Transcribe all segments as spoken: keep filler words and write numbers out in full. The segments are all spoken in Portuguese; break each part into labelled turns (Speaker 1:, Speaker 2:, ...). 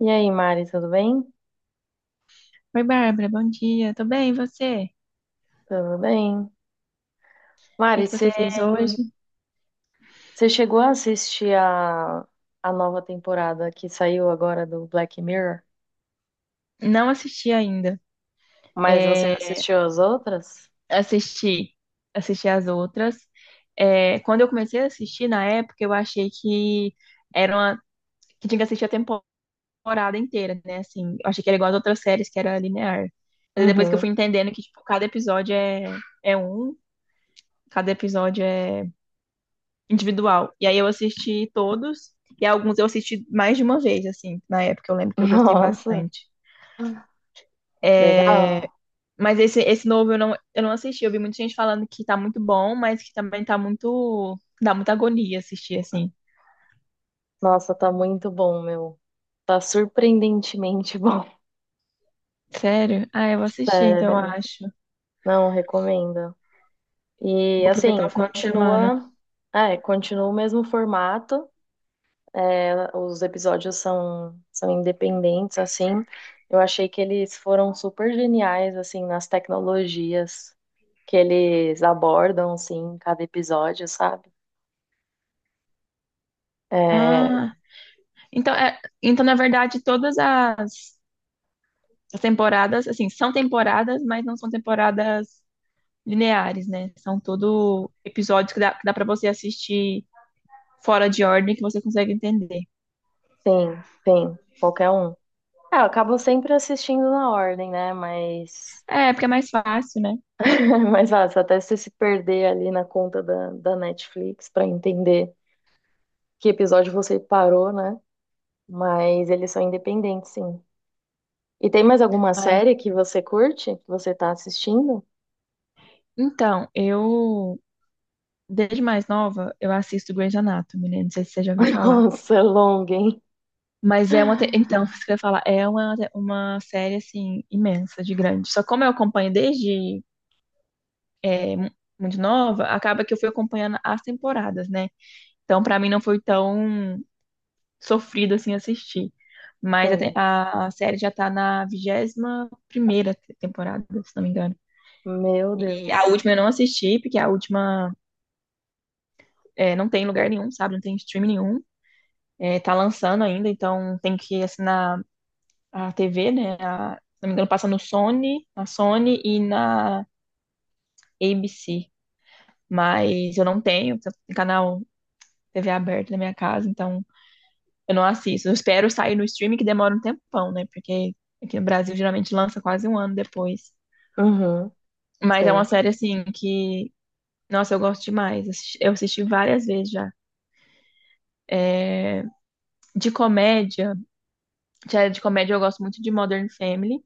Speaker 1: E aí, Mari, tudo bem?
Speaker 2: Oi, Bárbara, bom dia. Tô bem, e você? O
Speaker 1: Tudo bem.
Speaker 2: que
Speaker 1: Mari,
Speaker 2: que
Speaker 1: você
Speaker 2: você fez hoje?
Speaker 1: você chegou a assistir a, a nova temporada que saiu agora do Black Mirror?
Speaker 2: Não assisti ainda.
Speaker 1: Mas você
Speaker 2: É,
Speaker 1: assistiu as outras?
Speaker 2: assisti, assisti as outras. É, quando eu comecei a assistir na época, eu achei que era uma, que tinha que assistir a temporada inteira, né? Assim, eu achei que era igual às outras séries, que era linear. Mas depois que eu
Speaker 1: Uhum.
Speaker 2: fui entendendo que tipo, cada episódio é, é um, cada episódio é individual. E aí eu assisti todos, e alguns eu assisti mais de uma vez, assim, na época. Eu lembro que eu gostei
Speaker 1: Nossa,
Speaker 2: bastante.
Speaker 1: legal.
Speaker 2: É, mas esse, esse novo eu não, eu não assisti. Eu vi muita gente falando que tá muito bom, mas que também tá muito. Dá muita agonia assistir, assim.
Speaker 1: Nossa, tá muito bom, meu. Tá surpreendentemente bom.
Speaker 2: Sério? Ah, eu vou assistir, então eu
Speaker 1: Sério.
Speaker 2: acho.
Speaker 1: Não, recomendo. E
Speaker 2: Vou aproveitar
Speaker 1: assim,
Speaker 2: o final de semana.
Speaker 1: continua. É, continua o mesmo formato. É, os episódios são, são independentes, assim. Eu achei que eles foram super geniais, assim, nas tecnologias que eles abordam, assim, em cada episódio, sabe? É,
Speaker 2: Ah, então, é, então na verdade, todas as, as temporadas, assim, são temporadas, mas não são temporadas lineares, né? São tudo episódios que dá, que dá para você assistir fora de ordem, que você consegue entender.
Speaker 1: sim tem, qualquer um. Ah, eu acabo sempre assistindo na ordem, né? Mas,
Speaker 2: É, porque é mais fácil, né?
Speaker 1: mas ah, se até você se perder ali na conta da, da Netflix pra entender que episódio você parou, né? Mas eles são independentes, sim. E tem mais alguma
Speaker 2: Ah, eu-
Speaker 1: série que você curte, que você tá assistindo?
Speaker 2: então, eu. Desde mais nova, eu assisto Grey's Anatomy, né? Não sei se você já ouviu falar.
Speaker 1: Nossa, longa, hein?
Speaker 2: Mas é uma. te- Então, isso que eu ia falar, é uma, uma série, assim, imensa, de grande. Só como eu acompanho desde é, mu- muito nova, acaba que eu fui acompanhando as temporadas, né? Então, pra mim, não foi tão sofrido, assim, assistir. Mas a, te-
Speaker 1: Sim,
Speaker 2: a a série já tá na vigésima primeira te- temporada, se não me engano.
Speaker 1: meu
Speaker 2: E a
Speaker 1: Deus.
Speaker 2: última eu não assisti, porque a última é, não tem em lugar nenhum, sabe? Não tem stream nenhum. É, tá lançando ainda, então tem que assinar a T V, né? A, se não me engano, passa no Sony, na Sony e na A B C. Mas eu não tenho, porque eu tenho canal T V aberto na minha casa, então eu não assisto. Eu espero sair no streaming, que demora um tempão, né? Porque aqui no Brasil geralmente lança quase um ano depois.
Speaker 1: Uhum,
Speaker 2: Mas é uma
Speaker 1: sim.
Speaker 2: série, assim, que, nossa, eu gosto demais. Assisti- Eu assisti várias vezes já. De comédia, série de comédia eu gosto muito de Modern Family. Não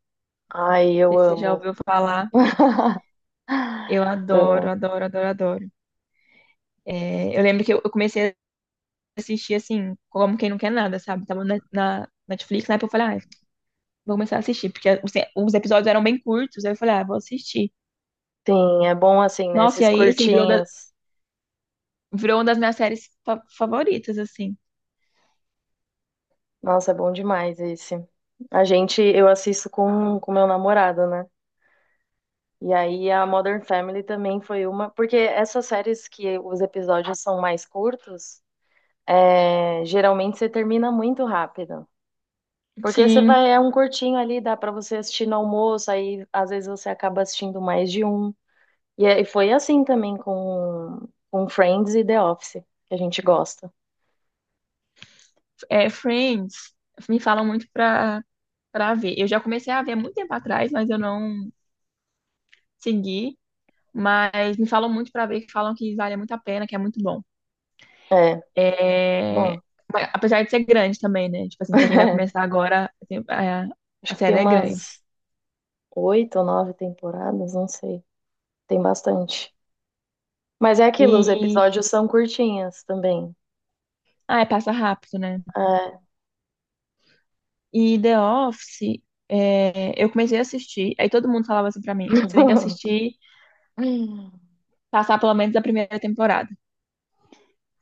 Speaker 1: Ai, eu
Speaker 2: sei se você já
Speaker 1: amo.
Speaker 2: ouviu falar. Eu adoro,
Speaker 1: Amo.
Speaker 2: adoro, adoro, adoro. É, eu lembro que eu, eu comecei a assistir assim, como quem não quer nada, sabe? Tava na, na Netflix, na época eu falei, ah, vou começar a assistir, porque os, os episódios eram bem curtos, aí eu falei, ah, vou assistir.
Speaker 1: Sim, é bom assim, né?
Speaker 2: Nossa, e
Speaker 1: Esses
Speaker 2: aí, assim, virou, da-
Speaker 1: curtinhos.
Speaker 2: virou uma das minhas séries fa- favoritas, assim.
Speaker 1: Nossa, é bom demais esse. A gente, eu assisto com com meu namorado, né? E aí a Modern Family também foi uma, porque essas séries que os episódios são mais curtos, é, geralmente você termina muito rápido. Porque você
Speaker 2: Sim,
Speaker 1: vai, é um curtinho ali, dá pra você assistir no almoço, aí às vezes você acaba assistindo mais de um. E, é- e foi assim também com, com Friends e The Office, que a gente gosta.
Speaker 2: é, Friends, me falam muito pra, pra ver. Eu já comecei a ver há muito tempo atrás, mas eu não segui. Mas me falam muito para ver, que falam que vale muito a pena, que é muito bom.
Speaker 1: É, muito
Speaker 2: É...
Speaker 1: bom.
Speaker 2: Mas apesar de ser grande também, né? Tipo assim, pra quem vai começar agora, assim, é,
Speaker 1: Acho
Speaker 2: a
Speaker 1: que tem
Speaker 2: série é grande.
Speaker 1: umas oito ou nove temporadas, não sei. Tem bastante. Mas é aquilo, os
Speaker 2: E.
Speaker 1: episódios são curtinhos também.
Speaker 2: Ah, é, passa rápido, né?
Speaker 1: É.
Speaker 2: E The Office, é, eu comecei a assistir, aí todo mundo falava assim pra mim: você tem que assistir, passar pelo menos a primeira temporada,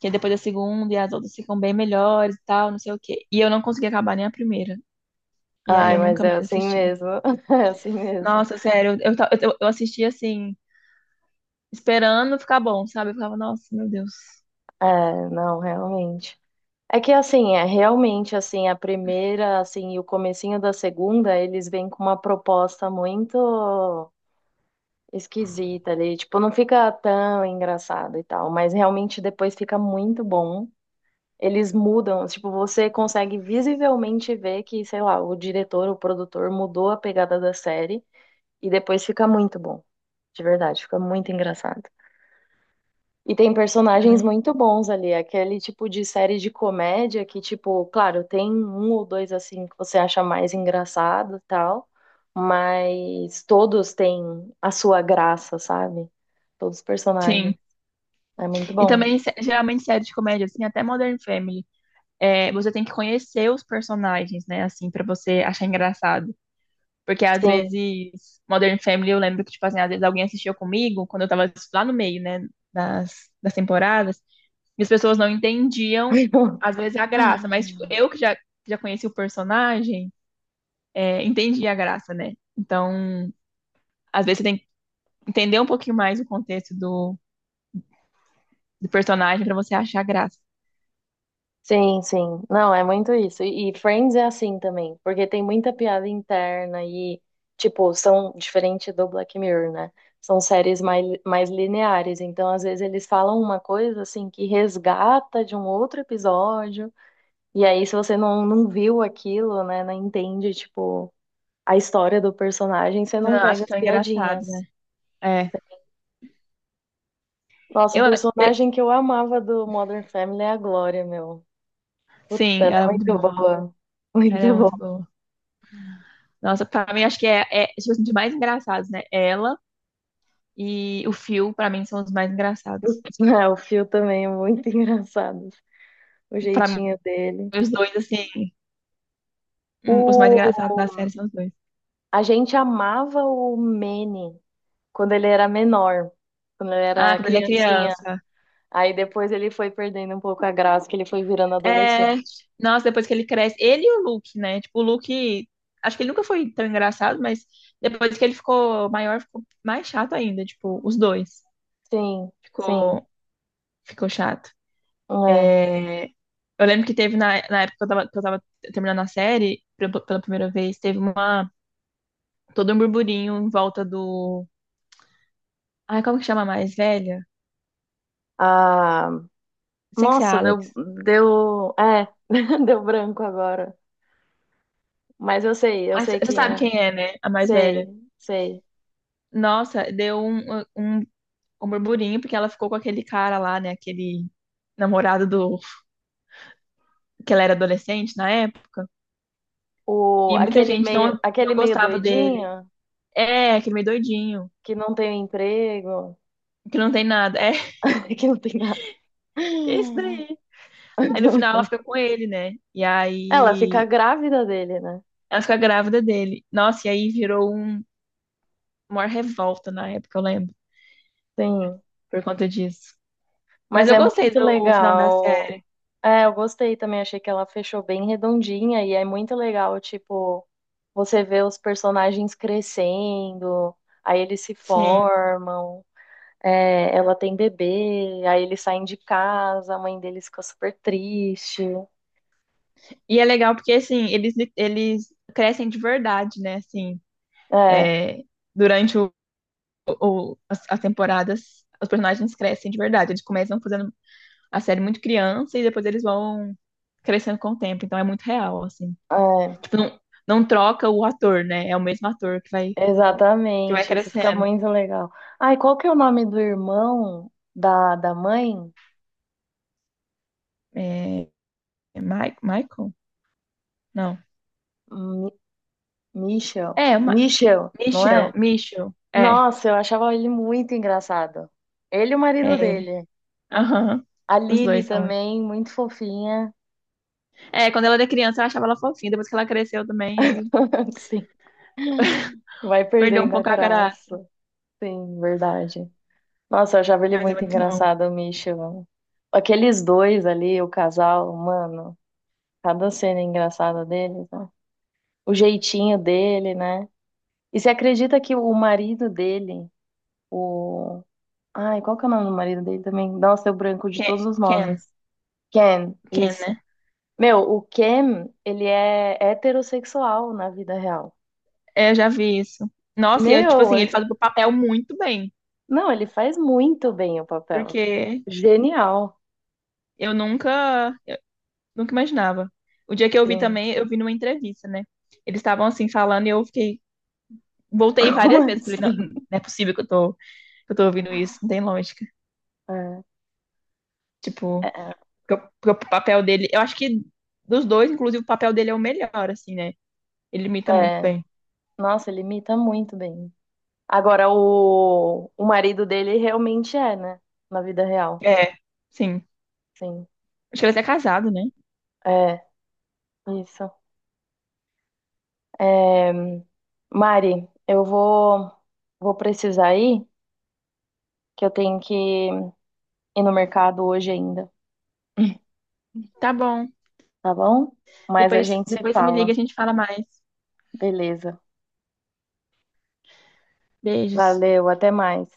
Speaker 2: que depois da segunda e as outras ficam bem melhores e tal, não sei o quê. E eu não consegui acabar nem a primeira. E aí
Speaker 1: Ai,
Speaker 2: eu
Speaker 1: mas
Speaker 2: nunca
Speaker 1: é
Speaker 2: mais
Speaker 1: assim
Speaker 2: assisti.
Speaker 1: mesmo. É assim mesmo.
Speaker 2: Nossa, sério, eu, eu, eu assisti assim, esperando ficar bom, sabe? Eu ficava, nossa, meu Deus.
Speaker 1: É, não, realmente. É que assim, é realmente assim, a primeira, assim, e o comecinho da segunda, eles vêm com uma proposta muito esquisita ali, tipo, não fica tão engraçado e tal, mas realmente depois fica muito bom. Eles mudam, tipo, você consegue visivelmente ver que, sei lá, o diretor, o produtor mudou a pegada da série e depois fica muito bom. De verdade, fica muito engraçado. E tem personagens
Speaker 2: É,
Speaker 1: muito bons ali, aquele tipo de série de comédia que, tipo, claro, tem um ou dois assim que você acha mais engraçado e tal, mas todos têm a sua graça, sabe? Todos os personagens.
Speaker 2: sim.
Speaker 1: É muito
Speaker 2: E
Speaker 1: bom.
Speaker 2: também, sé- geralmente, série de comédia, assim, até Modern Family, é, você tem que conhecer os personagens, né, assim, pra você achar engraçado. Porque, às
Speaker 1: Sim.
Speaker 2: vezes, Modern Family, eu lembro que, tipo assim, às vezes alguém assistiu comigo, quando eu tava lá no meio, né, das, das temporadas, e as pessoas não entendiam, às vezes, a graça. Mas, tipo, eu que já, já conheci o personagem, é, entendi a graça, né? Então, às vezes, você tem que entender um pouquinho mais o contexto do do personagem pra você achar graça.
Speaker 1: Sim, sim. Não, é muito isso. E e Friends é assim também, porque tem muita piada interna e, tipo, são diferente do Black Mirror, né? São séries mais, mais lineares. Então, às vezes, eles falam uma coisa, assim, que resgata de um outro episódio. E aí, se você não, não viu aquilo, né, não entende, tipo, a história do personagem, você
Speaker 2: Tu
Speaker 1: não
Speaker 2: não
Speaker 1: pega
Speaker 2: acha
Speaker 1: as
Speaker 2: tão engraçado, né?
Speaker 1: piadinhas.
Speaker 2: É.
Speaker 1: Nossa, um
Speaker 2: Eu, eu-
Speaker 1: personagem que eu amava do Modern Family é a Glória, meu. Puta,
Speaker 2: sim,
Speaker 1: ela é
Speaker 2: ela é muito
Speaker 1: muito
Speaker 2: boa.
Speaker 1: boa.
Speaker 2: Ela é
Speaker 1: Muito
Speaker 2: muito
Speaker 1: boa.
Speaker 2: boa. Nossa, pra mim acho que é, é tipo assim, de mais engraçados, né? Ela e o Phil, pra mim, são os mais engraçados.
Speaker 1: Ah, o Phil também é muito engraçado, o
Speaker 2: Pra mim,
Speaker 1: jeitinho dele.
Speaker 2: os dois, assim, hum, os mais engraçados da
Speaker 1: O...
Speaker 2: série são os dois.
Speaker 1: A gente amava o Manny quando ele era menor, quando ele
Speaker 2: Ah,
Speaker 1: era
Speaker 2: quando ele é
Speaker 1: criancinha.
Speaker 2: criança.
Speaker 1: Aí depois ele foi perdendo um pouco a graça, que ele foi virando
Speaker 2: É.
Speaker 1: adolescente.
Speaker 2: Nossa, depois que ele cresce. Ele e o Luke, né? Tipo, o Luke. Acho que ele nunca foi tão engraçado, mas depois que ele ficou maior, ficou mais chato ainda. Tipo, os dois.
Speaker 1: Sim, sim,
Speaker 2: Ficou, ficou chato.
Speaker 1: é.
Speaker 2: É, eu lembro que teve na, na época que eu tava, que eu tava terminando a série, pela pela primeira vez, teve uma, todo um burburinho em volta do. Ai, como que chama a mais velha?
Speaker 1: Ah,
Speaker 2: Sem ser a
Speaker 1: nossa, deu,
Speaker 2: Alex.
Speaker 1: deu, é, deu branco agora. Mas eu sei, eu
Speaker 2: Mas
Speaker 1: sei
Speaker 2: você
Speaker 1: quem
Speaker 2: sabe
Speaker 1: é.
Speaker 2: quem é, né? A mais
Speaker 1: Sei,
Speaker 2: velha.
Speaker 1: sei.
Speaker 2: Nossa, deu um, um, um burburinho, porque ela ficou com aquele cara lá, né? Aquele namorado do. Que ela era adolescente na época.
Speaker 1: O,
Speaker 2: E muita
Speaker 1: aquele
Speaker 2: gente
Speaker 1: meio,
Speaker 2: não,
Speaker 1: aquele
Speaker 2: não
Speaker 1: meio
Speaker 2: gostava dele.
Speaker 1: doidinho.
Speaker 2: É, aquele meio doidinho.
Speaker 1: Que não tem emprego,
Speaker 2: Que não tem nada. É,
Speaker 1: que não tem nada.
Speaker 2: isso daí. Aí no final ela fica com ele, né? E
Speaker 1: Ela fica
Speaker 2: aí
Speaker 1: grávida dele, né?
Speaker 2: ela fica grávida dele. Nossa, e aí virou um, uma revolta na época, eu lembro,
Speaker 1: Sim.
Speaker 2: por conta disso. Mas
Speaker 1: Mas
Speaker 2: eu
Speaker 1: é
Speaker 2: gostei
Speaker 1: muito
Speaker 2: do final da
Speaker 1: legal.
Speaker 2: série,
Speaker 1: É, eu gostei também, achei que ela fechou bem redondinha e é muito legal, tipo, você vê os personagens crescendo, aí eles se
Speaker 2: sim.
Speaker 1: formam, é, ela tem bebê, aí eles saem de casa, a mãe deles fica super triste.
Speaker 2: E é legal porque, assim, eles, eles crescem de verdade, né? Assim,
Speaker 1: É,
Speaker 2: é, durante o, o- as, as temporadas, os personagens crescem de verdade. Eles começam fazendo a série muito criança e depois eles vão crescendo com o tempo. Então é muito real, assim.
Speaker 1: é.
Speaker 2: Tipo, não, não troca o ator, né? É o mesmo ator que vai que vai
Speaker 1: Exatamente, isso fica
Speaker 2: crescendo.
Speaker 1: muito legal. Ai, qual que é o nome do irmão da, da mãe?
Speaker 2: É, é Mi- Michael? Não.
Speaker 1: Mi- Michel.
Speaker 2: É, Ma
Speaker 1: Michel, não
Speaker 2: Michel,
Speaker 1: é?
Speaker 2: Michel. É,
Speaker 1: Nossa, eu achava ele muito engraçado. Ele e o marido
Speaker 2: é ele.
Speaker 1: dele.
Speaker 2: Aham.
Speaker 1: A
Speaker 2: Os
Speaker 1: Lily
Speaker 2: dois são.
Speaker 1: também, muito fofinha.
Speaker 2: É, quando ela era criança, eu achava ela fofinha. Depois que ela cresceu também,
Speaker 1: Sim,
Speaker 2: aí
Speaker 1: vai
Speaker 2: perdeu um
Speaker 1: perdendo a
Speaker 2: pouco a graça.
Speaker 1: graça. Sim, verdade. Nossa, eu achava ele
Speaker 2: Mas é
Speaker 1: muito
Speaker 2: muito bom.
Speaker 1: engraçado, o Michel. Aqueles dois ali, o casal, mano, cada cena engraçada deles, né? O jeitinho dele, né? E você acredita que o marido dele, o. Ai, qual que é o nome do marido dele também? Nossa, eu branco de
Speaker 2: Ken,
Speaker 1: todos os
Speaker 2: Ken,
Speaker 1: nomes. Ken,
Speaker 2: Ken,
Speaker 1: isso.
Speaker 2: né?
Speaker 1: Meu, o Ken, ele é heterossexual na vida real.
Speaker 2: É, eu já vi isso. Nossa, e eu, tipo
Speaker 1: Meu,
Speaker 2: assim, ele
Speaker 1: é-
Speaker 2: faz o papel muito bem.
Speaker 1: não, ele faz muito bem o papel.
Speaker 2: Porque
Speaker 1: Genial,
Speaker 2: eu nunca, nunca imaginava. O dia que eu vi
Speaker 1: sim.
Speaker 2: também, eu vi numa entrevista, né? Eles estavam assim falando e eu fiquei, voltei
Speaker 1: Como
Speaker 2: várias vezes. Falei, não,
Speaker 1: assim?
Speaker 2: não é possível que eu tô, que eu tô ouvindo isso, não tem lógica.
Speaker 1: É,
Speaker 2: Tipo, porque o porque o papel dele, eu acho que dos dois, inclusive, o papel dele é o melhor, assim, né? Ele imita
Speaker 1: é,
Speaker 2: muito
Speaker 1: é.
Speaker 2: bem.
Speaker 1: Nossa, ele imita muito bem. Agora, o, o marido dele realmente é, né? Na vida real,
Speaker 2: É, sim.
Speaker 1: sim.
Speaker 2: Acho que ele é até casado, né?
Speaker 1: É, isso. É, Mari, eu vou, vou, precisar ir, que eu tenho que ir no mercado hoje ainda,
Speaker 2: Tá bom.
Speaker 1: tá bom? Mas a
Speaker 2: Depois,
Speaker 1: gente se
Speaker 2: depois você me liga, e a
Speaker 1: fala.
Speaker 2: gente fala mais.
Speaker 1: Beleza.
Speaker 2: Beijos.
Speaker 1: Valeu, até mais.